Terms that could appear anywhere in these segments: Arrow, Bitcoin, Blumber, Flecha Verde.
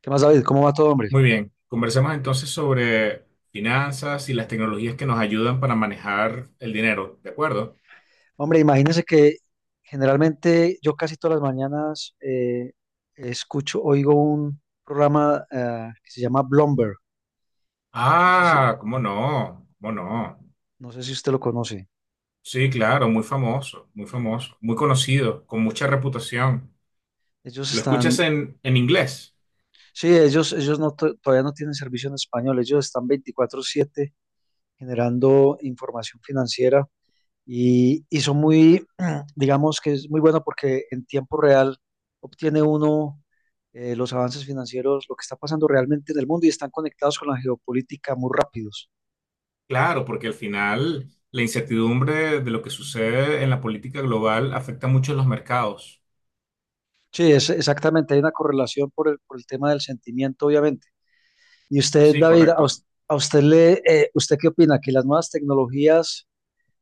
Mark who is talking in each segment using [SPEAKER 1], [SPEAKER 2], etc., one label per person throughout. [SPEAKER 1] ¿Qué más, David? ¿Cómo va todo, hombre?
[SPEAKER 2] Muy bien, conversemos entonces sobre finanzas y las tecnologías que nos ayudan para manejar el dinero, ¿de acuerdo?
[SPEAKER 1] Hombre, imagínese que generalmente yo casi todas las mañanas escucho, oigo un programa que se llama Blumber. No sé si,
[SPEAKER 2] Ah, ¿cómo no? ¿Cómo no?
[SPEAKER 1] no sé si usted lo conoce.
[SPEAKER 2] Sí, claro, muy famoso, muy famoso, muy conocido, con mucha reputación.
[SPEAKER 1] Ellos
[SPEAKER 2] ¿Lo escuchas
[SPEAKER 1] están,
[SPEAKER 2] en inglés?
[SPEAKER 1] sí, ellos no, todavía no tienen servicio en español. Ellos están 24/7 generando información financiera y son muy, digamos que es muy bueno porque en tiempo real obtiene uno los avances financieros, lo que está pasando realmente en el mundo y están conectados con la geopolítica muy rápidos.
[SPEAKER 2] Claro, porque al final la incertidumbre de lo que sucede en la política global afecta mucho a los mercados.
[SPEAKER 1] Sí, es, exactamente, hay una correlación por el tema del sentimiento, obviamente. Y usted,
[SPEAKER 2] Sí,
[SPEAKER 1] David,
[SPEAKER 2] correcto.
[SPEAKER 1] a usted le, ¿usted qué opina? ¿Que las nuevas tecnologías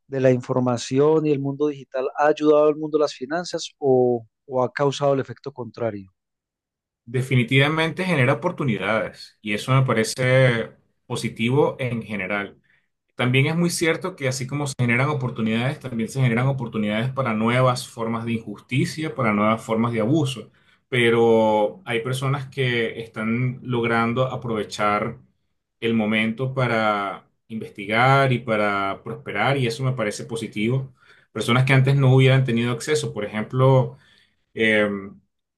[SPEAKER 1] de la información y el mundo digital ha ayudado al mundo de las finanzas o ha causado el efecto contrario?
[SPEAKER 2] Definitivamente genera oportunidades y eso me parece positivo en general. También es muy cierto que así como se generan oportunidades, también se generan oportunidades para nuevas formas de injusticia, para nuevas formas de abuso. Pero hay personas que están logrando aprovechar el momento para investigar y para prosperar, y eso me parece positivo. Personas que antes no hubieran tenido acceso, por ejemplo, eh,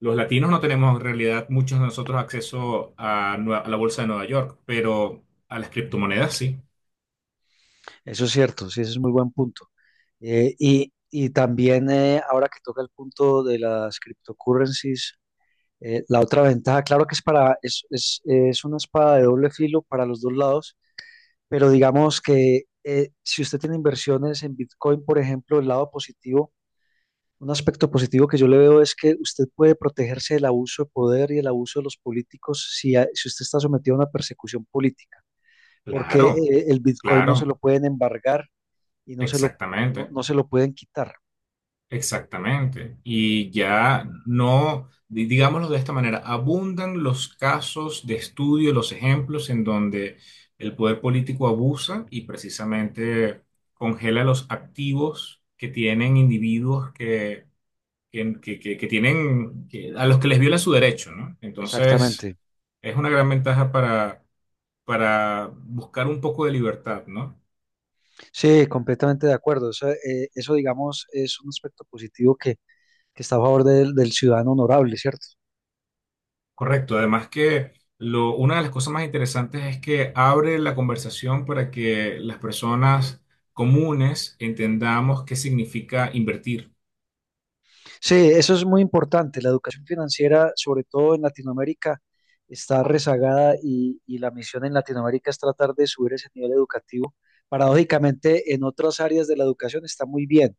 [SPEAKER 2] los latinos no tenemos en realidad muchos de nosotros acceso a, a la bolsa de Nueva York, pero a las criptomonedas sí.
[SPEAKER 1] Eso es cierto, sí, ese es muy buen punto. Y también ahora que toca el punto de las cryptocurrencies, la otra ventaja, claro que es para, es, es una espada de doble filo para los dos lados, pero digamos que si usted tiene inversiones en Bitcoin, por ejemplo, el lado positivo, un aspecto positivo que yo le veo es que usted puede protegerse del abuso de poder y el abuso de los políticos si usted está sometido a una persecución política, porque
[SPEAKER 2] Claro,
[SPEAKER 1] el Bitcoin no se lo
[SPEAKER 2] claro,
[SPEAKER 1] pueden embargar y
[SPEAKER 2] exactamente,
[SPEAKER 1] no se lo pueden quitar.
[SPEAKER 2] exactamente. Y ya no, digámoslo de esta manera, abundan los casos de estudio, los ejemplos en donde el poder político abusa y precisamente congela los activos que tienen individuos que tienen, a los que les viola su derecho, ¿no? Entonces,
[SPEAKER 1] Exactamente.
[SPEAKER 2] es una gran ventaja para buscar un poco de libertad, ¿no?
[SPEAKER 1] Sí, completamente de acuerdo. Eso, digamos, es un aspecto positivo que está a favor del ciudadano honorable, ¿cierto?
[SPEAKER 2] Correcto, además que lo, una de las cosas más interesantes es que abre la conversación para que las personas comunes entendamos qué significa invertir.
[SPEAKER 1] Sí, eso es muy importante. La educación financiera, sobre todo en Latinoamérica, está rezagada y la misión en Latinoamérica es tratar de subir ese nivel educativo. Paradójicamente, en otras áreas de la educación está muy bien,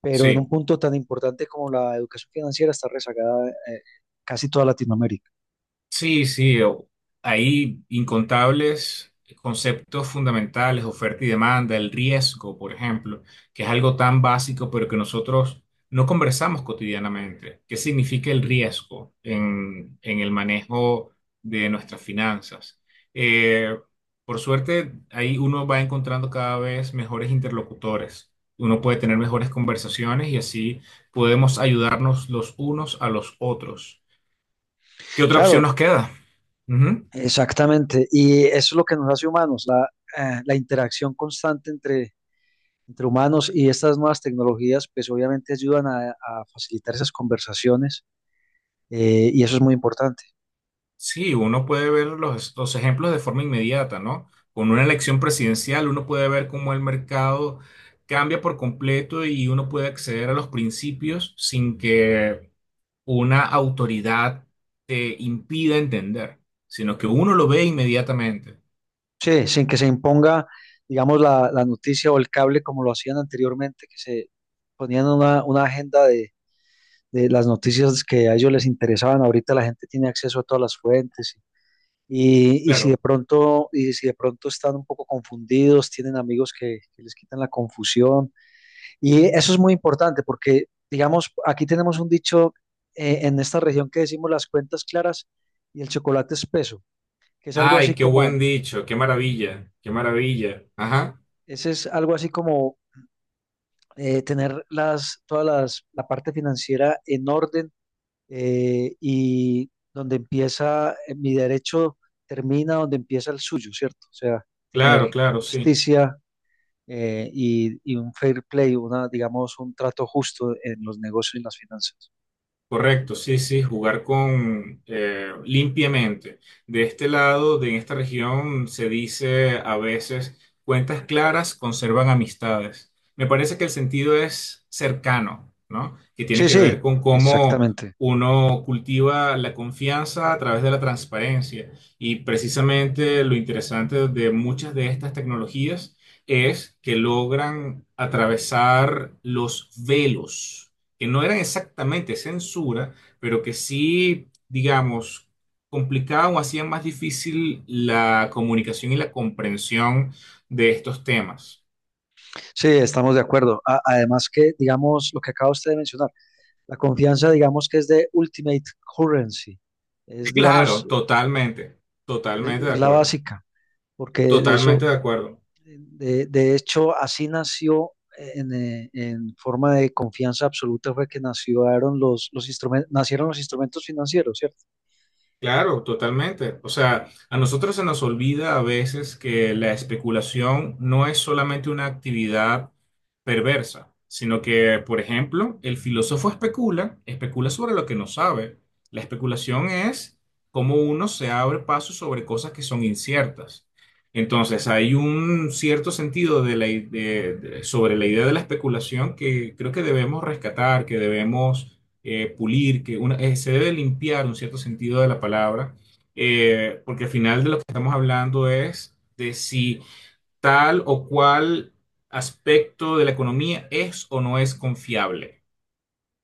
[SPEAKER 1] pero en un
[SPEAKER 2] Sí,
[SPEAKER 1] punto tan importante como la educación financiera está rezagada, casi toda Latinoamérica.
[SPEAKER 2] Sí, sí, o- hay incontables conceptos fundamentales, oferta y demanda, el riesgo, por ejemplo, que es algo tan básico, pero que nosotros no conversamos cotidianamente. ¿Qué significa el riesgo en el manejo de nuestras finanzas? Eh, por suerte, ahí uno va encontrando cada vez mejores interlocutores. Uno puede tener mejores conversaciones y así podemos ayudarnos los unos a los otros. ¿Qué otra opción
[SPEAKER 1] Claro,
[SPEAKER 2] nos queda? Ujú.
[SPEAKER 1] exactamente, y eso es lo que nos hace humanos, la interacción constante entre humanos y estas nuevas tecnologías, pues obviamente ayudan a facilitar esas conversaciones y eso es
[SPEAKER 2] Y-
[SPEAKER 1] muy importante.
[SPEAKER 2] Sí, uno puede ver los ejemplos de forma inmediata, ¿no? Con una elección presidencial, uno puede ver cómo el mercado cambia por completo y uno puede acceder a los principios sin que una autoridad te impida entender, sino que uno lo ve inmediatamente.
[SPEAKER 1] Sí, sin que se imponga, digamos, la noticia o el cable como lo hacían anteriormente, que se ponían una agenda de las noticias que a ellos les interesaban. Ahorita la gente tiene acceso a todas las fuentes.
[SPEAKER 2] Claro.
[SPEAKER 1] Y si de pronto están un poco confundidos, tienen amigos que les quitan la confusión. Y eso es muy importante porque, digamos, aquí tenemos un dicho en esta región que decimos las cuentas claras y el chocolate espeso, que es algo así
[SPEAKER 2] Ay, qué buen
[SPEAKER 1] como,
[SPEAKER 2] dicho, qué maravilla, qué maravilla. Ajá,
[SPEAKER 1] ese es algo así como tener la parte financiera en orden y donde empieza mi derecho termina donde empieza el suyo, ¿cierto? O sea, tener
[SPEAKER 2] claro, claro, sí.
[SPEAKER 1] justicia y un fair play, una, digamos, un trato justo en los negocios y las finanzas.
[SPEAKER 2] Correcto, sí, sí, jugar con limpiamente. De este lado, de esta región, se dice a veces, cuentas claras conservan amistades. Me parece que el sentido es cercano, ¿no? Que tiene
[SPEAKER 1] Sí,
[SPEAKER 2] que ver
[SPEAKER 1] sí,
[SPEAKER 2] con cómo
[SPEAKER 1] exactamente.
[SPEAKER 2] uno cultiva la confianza a través de la transparencia. Y precisamente lo interesante de muchas de estas tecnologías es que logran atravesar los velos que no eran exactamente censura, pero que sí, digamos, complicaban o hacían más difícil la comunicación y la comprensión de estos temas.
[SPEAKER 1] Sí, estamos de acuerdo. Además que, digamos, lo que acaba usted de mencionar, la confianza, digamos, que es de ultimate currency, es, digamos,
[SPEAKER 2] Claro, totalmente, totalmente de
[SPEAKER 1] la
[SPEAKER 2] acuerdo,
[SPEAKER 1] básica, porque de eso,
[SPEAKER 2] totalmente de acuerdo.
[SPEAKER 1] de hecho, así nació. En forma de confianza absoluta fue que nacieron los instrumentos, nacieron los instrumentos financieros, ¿cierto?
[SPEAKER 2] Claro, totalmente. O sea, a nosotros se nos olvida a veces que la especulación no es solamente una actividad perversa, sino que, por ejemplo, el filósofo especula, especula sobre lo que no sabe. La especulación es cómo uno se abre paso sobre cosas que son inciertas. Entonces, hay un cierto sentido de sobre la idea de la especulación que creo que debemos rescatar, que debemos pulir, que una, se debe limpiar un cierto sentido de la palabra, porque al final de lo que estamos hablando es de si tal o cual aspecto de la economía es o no es confiable.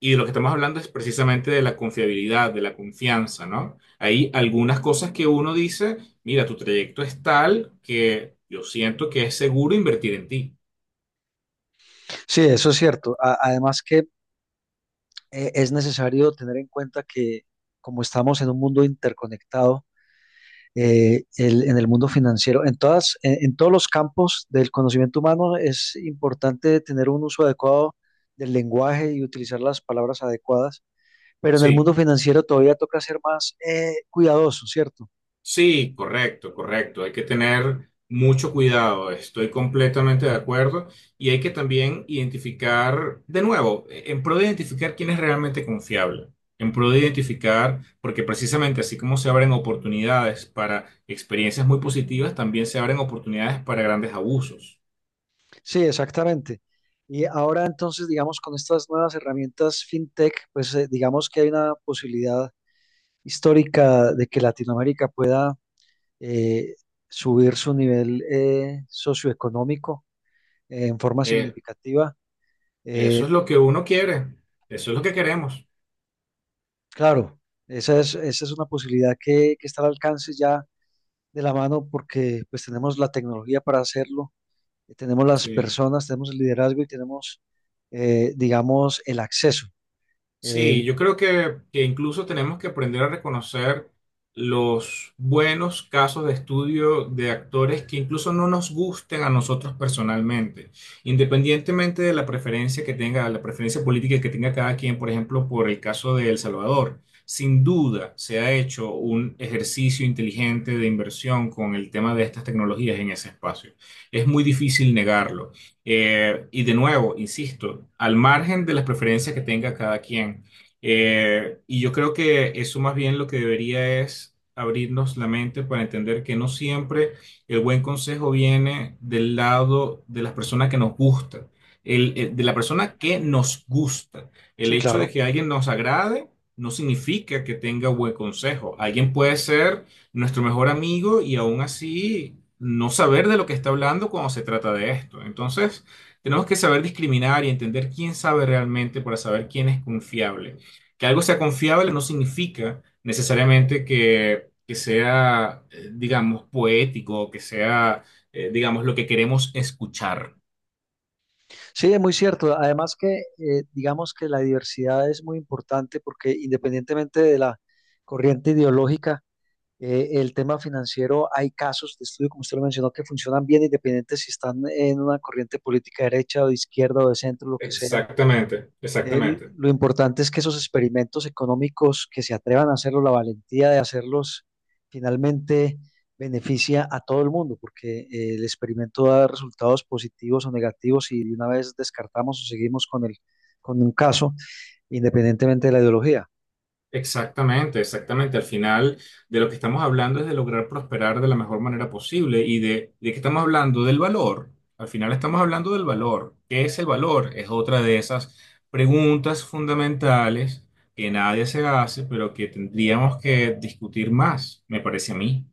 [SPEAKER 2] Y de lo que estamos hablando es precisamente de la confiabilidad, de la confianza, ¿no? Hay algunas cosas que uno dice, mira, tu trayecto es tal que yo siento que es seguro invertir en ti.
[SPEAKER 1] Sí, eso es cierto. Además que es necesario tener en cuenta que como estamos en un mundo interconectado, en el mundo financiero, en todos los campos del conocimiento humano es importante tener un uso adecuado del lenguaje y utilizar las palabras adecuadas, pero en el
[SPEAKER 2] Sí.
[SPEAKER 1] mundo financiero todavía toca ser más cuidadoso, ¿cierto?
[SPEAKER 2] Sí, correcto, correcto. Hay que tener mucho cuidado. Estoy completamente de acuerdo. Y hay que también identificar, de nuevo, en pro de identificar quién es realmente confiable. En pro de identificar, porque precisamente así como se abren oportunidades para experiencias muy positivas, también se abren oportunidades para grandes abusos.
[SPEAKER 1] Sí, exactamente. Y ahora entonces, digamos, con estas nuevas herramientas fintech, pues digamos que hay una posibilidad histórica de que Latinoamérica pueda eh, subir su nivel socioeconómico en forma
[SPEAKER 2] Eh,
[SPEAKER 1] significativa.
[SPEAKER 2] eso
[SPEAKER 1] Eh,
[SPEAKER 2] es lo que uno quiere. Eso es lo que queremos.
[SPEAKER 1] claro, esa es una posibilidad que está al alcance ya de la mano porque pues tenemos la tecnología para hacerlo, tenemos las
[SPEAKER 2] Sí.
[SPEAKER 1] personas, tenemos el liderazgo y tenemos, digamos, el acceso.
[SPEAKER 2] Sí,
[SPEAKER 1] El-
[SPEAKER 2] yo creo que incluso tenemos que aprender a reconocer los buenos casos de estudio de actores que incluso no nos gusten a nosotros personalmente, independientemente de la preferencia que tenga, la preferencia política que tenga cada quien, por ejemplo, por el caso de El Salvador. Sin duda se ha hecho un ejercicio inteligente de inversión con el tema de estas tecnologías en ese espacio. Es muy difícil negarlo. Y de nuevo, insisto, al margen de las preferencias que tenga cada quien. Y yo creo que eso más bien lo que debería es abrirnos la mente para entender que no siempre el buen consejo viene del lado de las personas que nos gusta, de la persona que nos gusta. El
[SPEAKER 1] sí,
[SPEAKER 2] hecho de
[SPEAKER 1] claro.
[SPEAKER 2] que alguien nos agrade no significa que tenga buen consejo. Alguien puede ser nuestro mejor amigo y aún así no saber de lo que está hablando cuando se trata de esto. Entonces, tenemos que saber discriminar y entender quién sabe realmente para saber quién es confiable. Que algo sea confiable no significa necesariamente que sea, digamos, poético, o que sea, digamos, lo que queremos escuchar.
[SPEAKER 1] Sí, es muy cierto. Además que digamos que la diversidad es muy importante porque independientemente de la corriente ideológica, el tema financiero, hay casos de estudio, como usted lo mencionó, que funcionan bien independientes si están en una corriente política derecha o de izquierda o de centro, lo que sea.
[SPEAKER 2] Exactamente, exactamente.
[SPEAKER 1] Lo importante es que esos experimentos económicos que se atrevan a hacerlo, la valentía de hacerlos, finalmente beneficia a todo el mundo, porque el experimento da resultados positivos o negativos y de una vez descartamos o seguimos con un caso, independientemente de la ideología.
[SPEAKER 2] Exactamente, exactamente. Al final de lo que estamos hablando es de lograr prosperar de la mejor manera posible y de qué estamos hablando del valor. Al final estamos hablando del valor. ¿Qué es el valor? Es otra de esas preguntas fundamentales que nadie se hace, pero que tendríamos que discutir más, me parece a mí.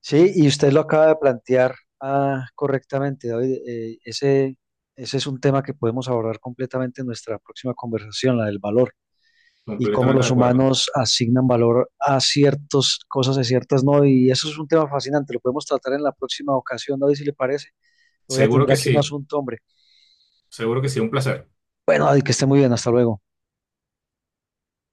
[SPEAKER 1] Sí, y usted lo acaba de plantear ah, correctamente, David. Ese es un tema que podemos abordar completamente en nuestra próxima conversación, la del valor y cómo
[SPEAKER 2] Completamente
[SPEAKER 1] los
[SPEAKER 2] de acuerdo.
[SPEAKER 1] humanos asignan valor a ciertas cosas, a ciertas no. Y eso es un tema fascinante, lo podemos tratar en la próxima ocasión, David, si le parece. Voy a
[SPEAKER 2] Seguro
[SPEAKER 1] tener
[SPEAKER 2] que
[SPEAKER 1] aquí un
[SPEAKER 2] sí,
[SPEAKER 1] asunto, hombre.
[SPEAKER 2] seguro que sí, un placer.
[SPEAKER 1] Bueno, David, que esté muy bien, hasta luego.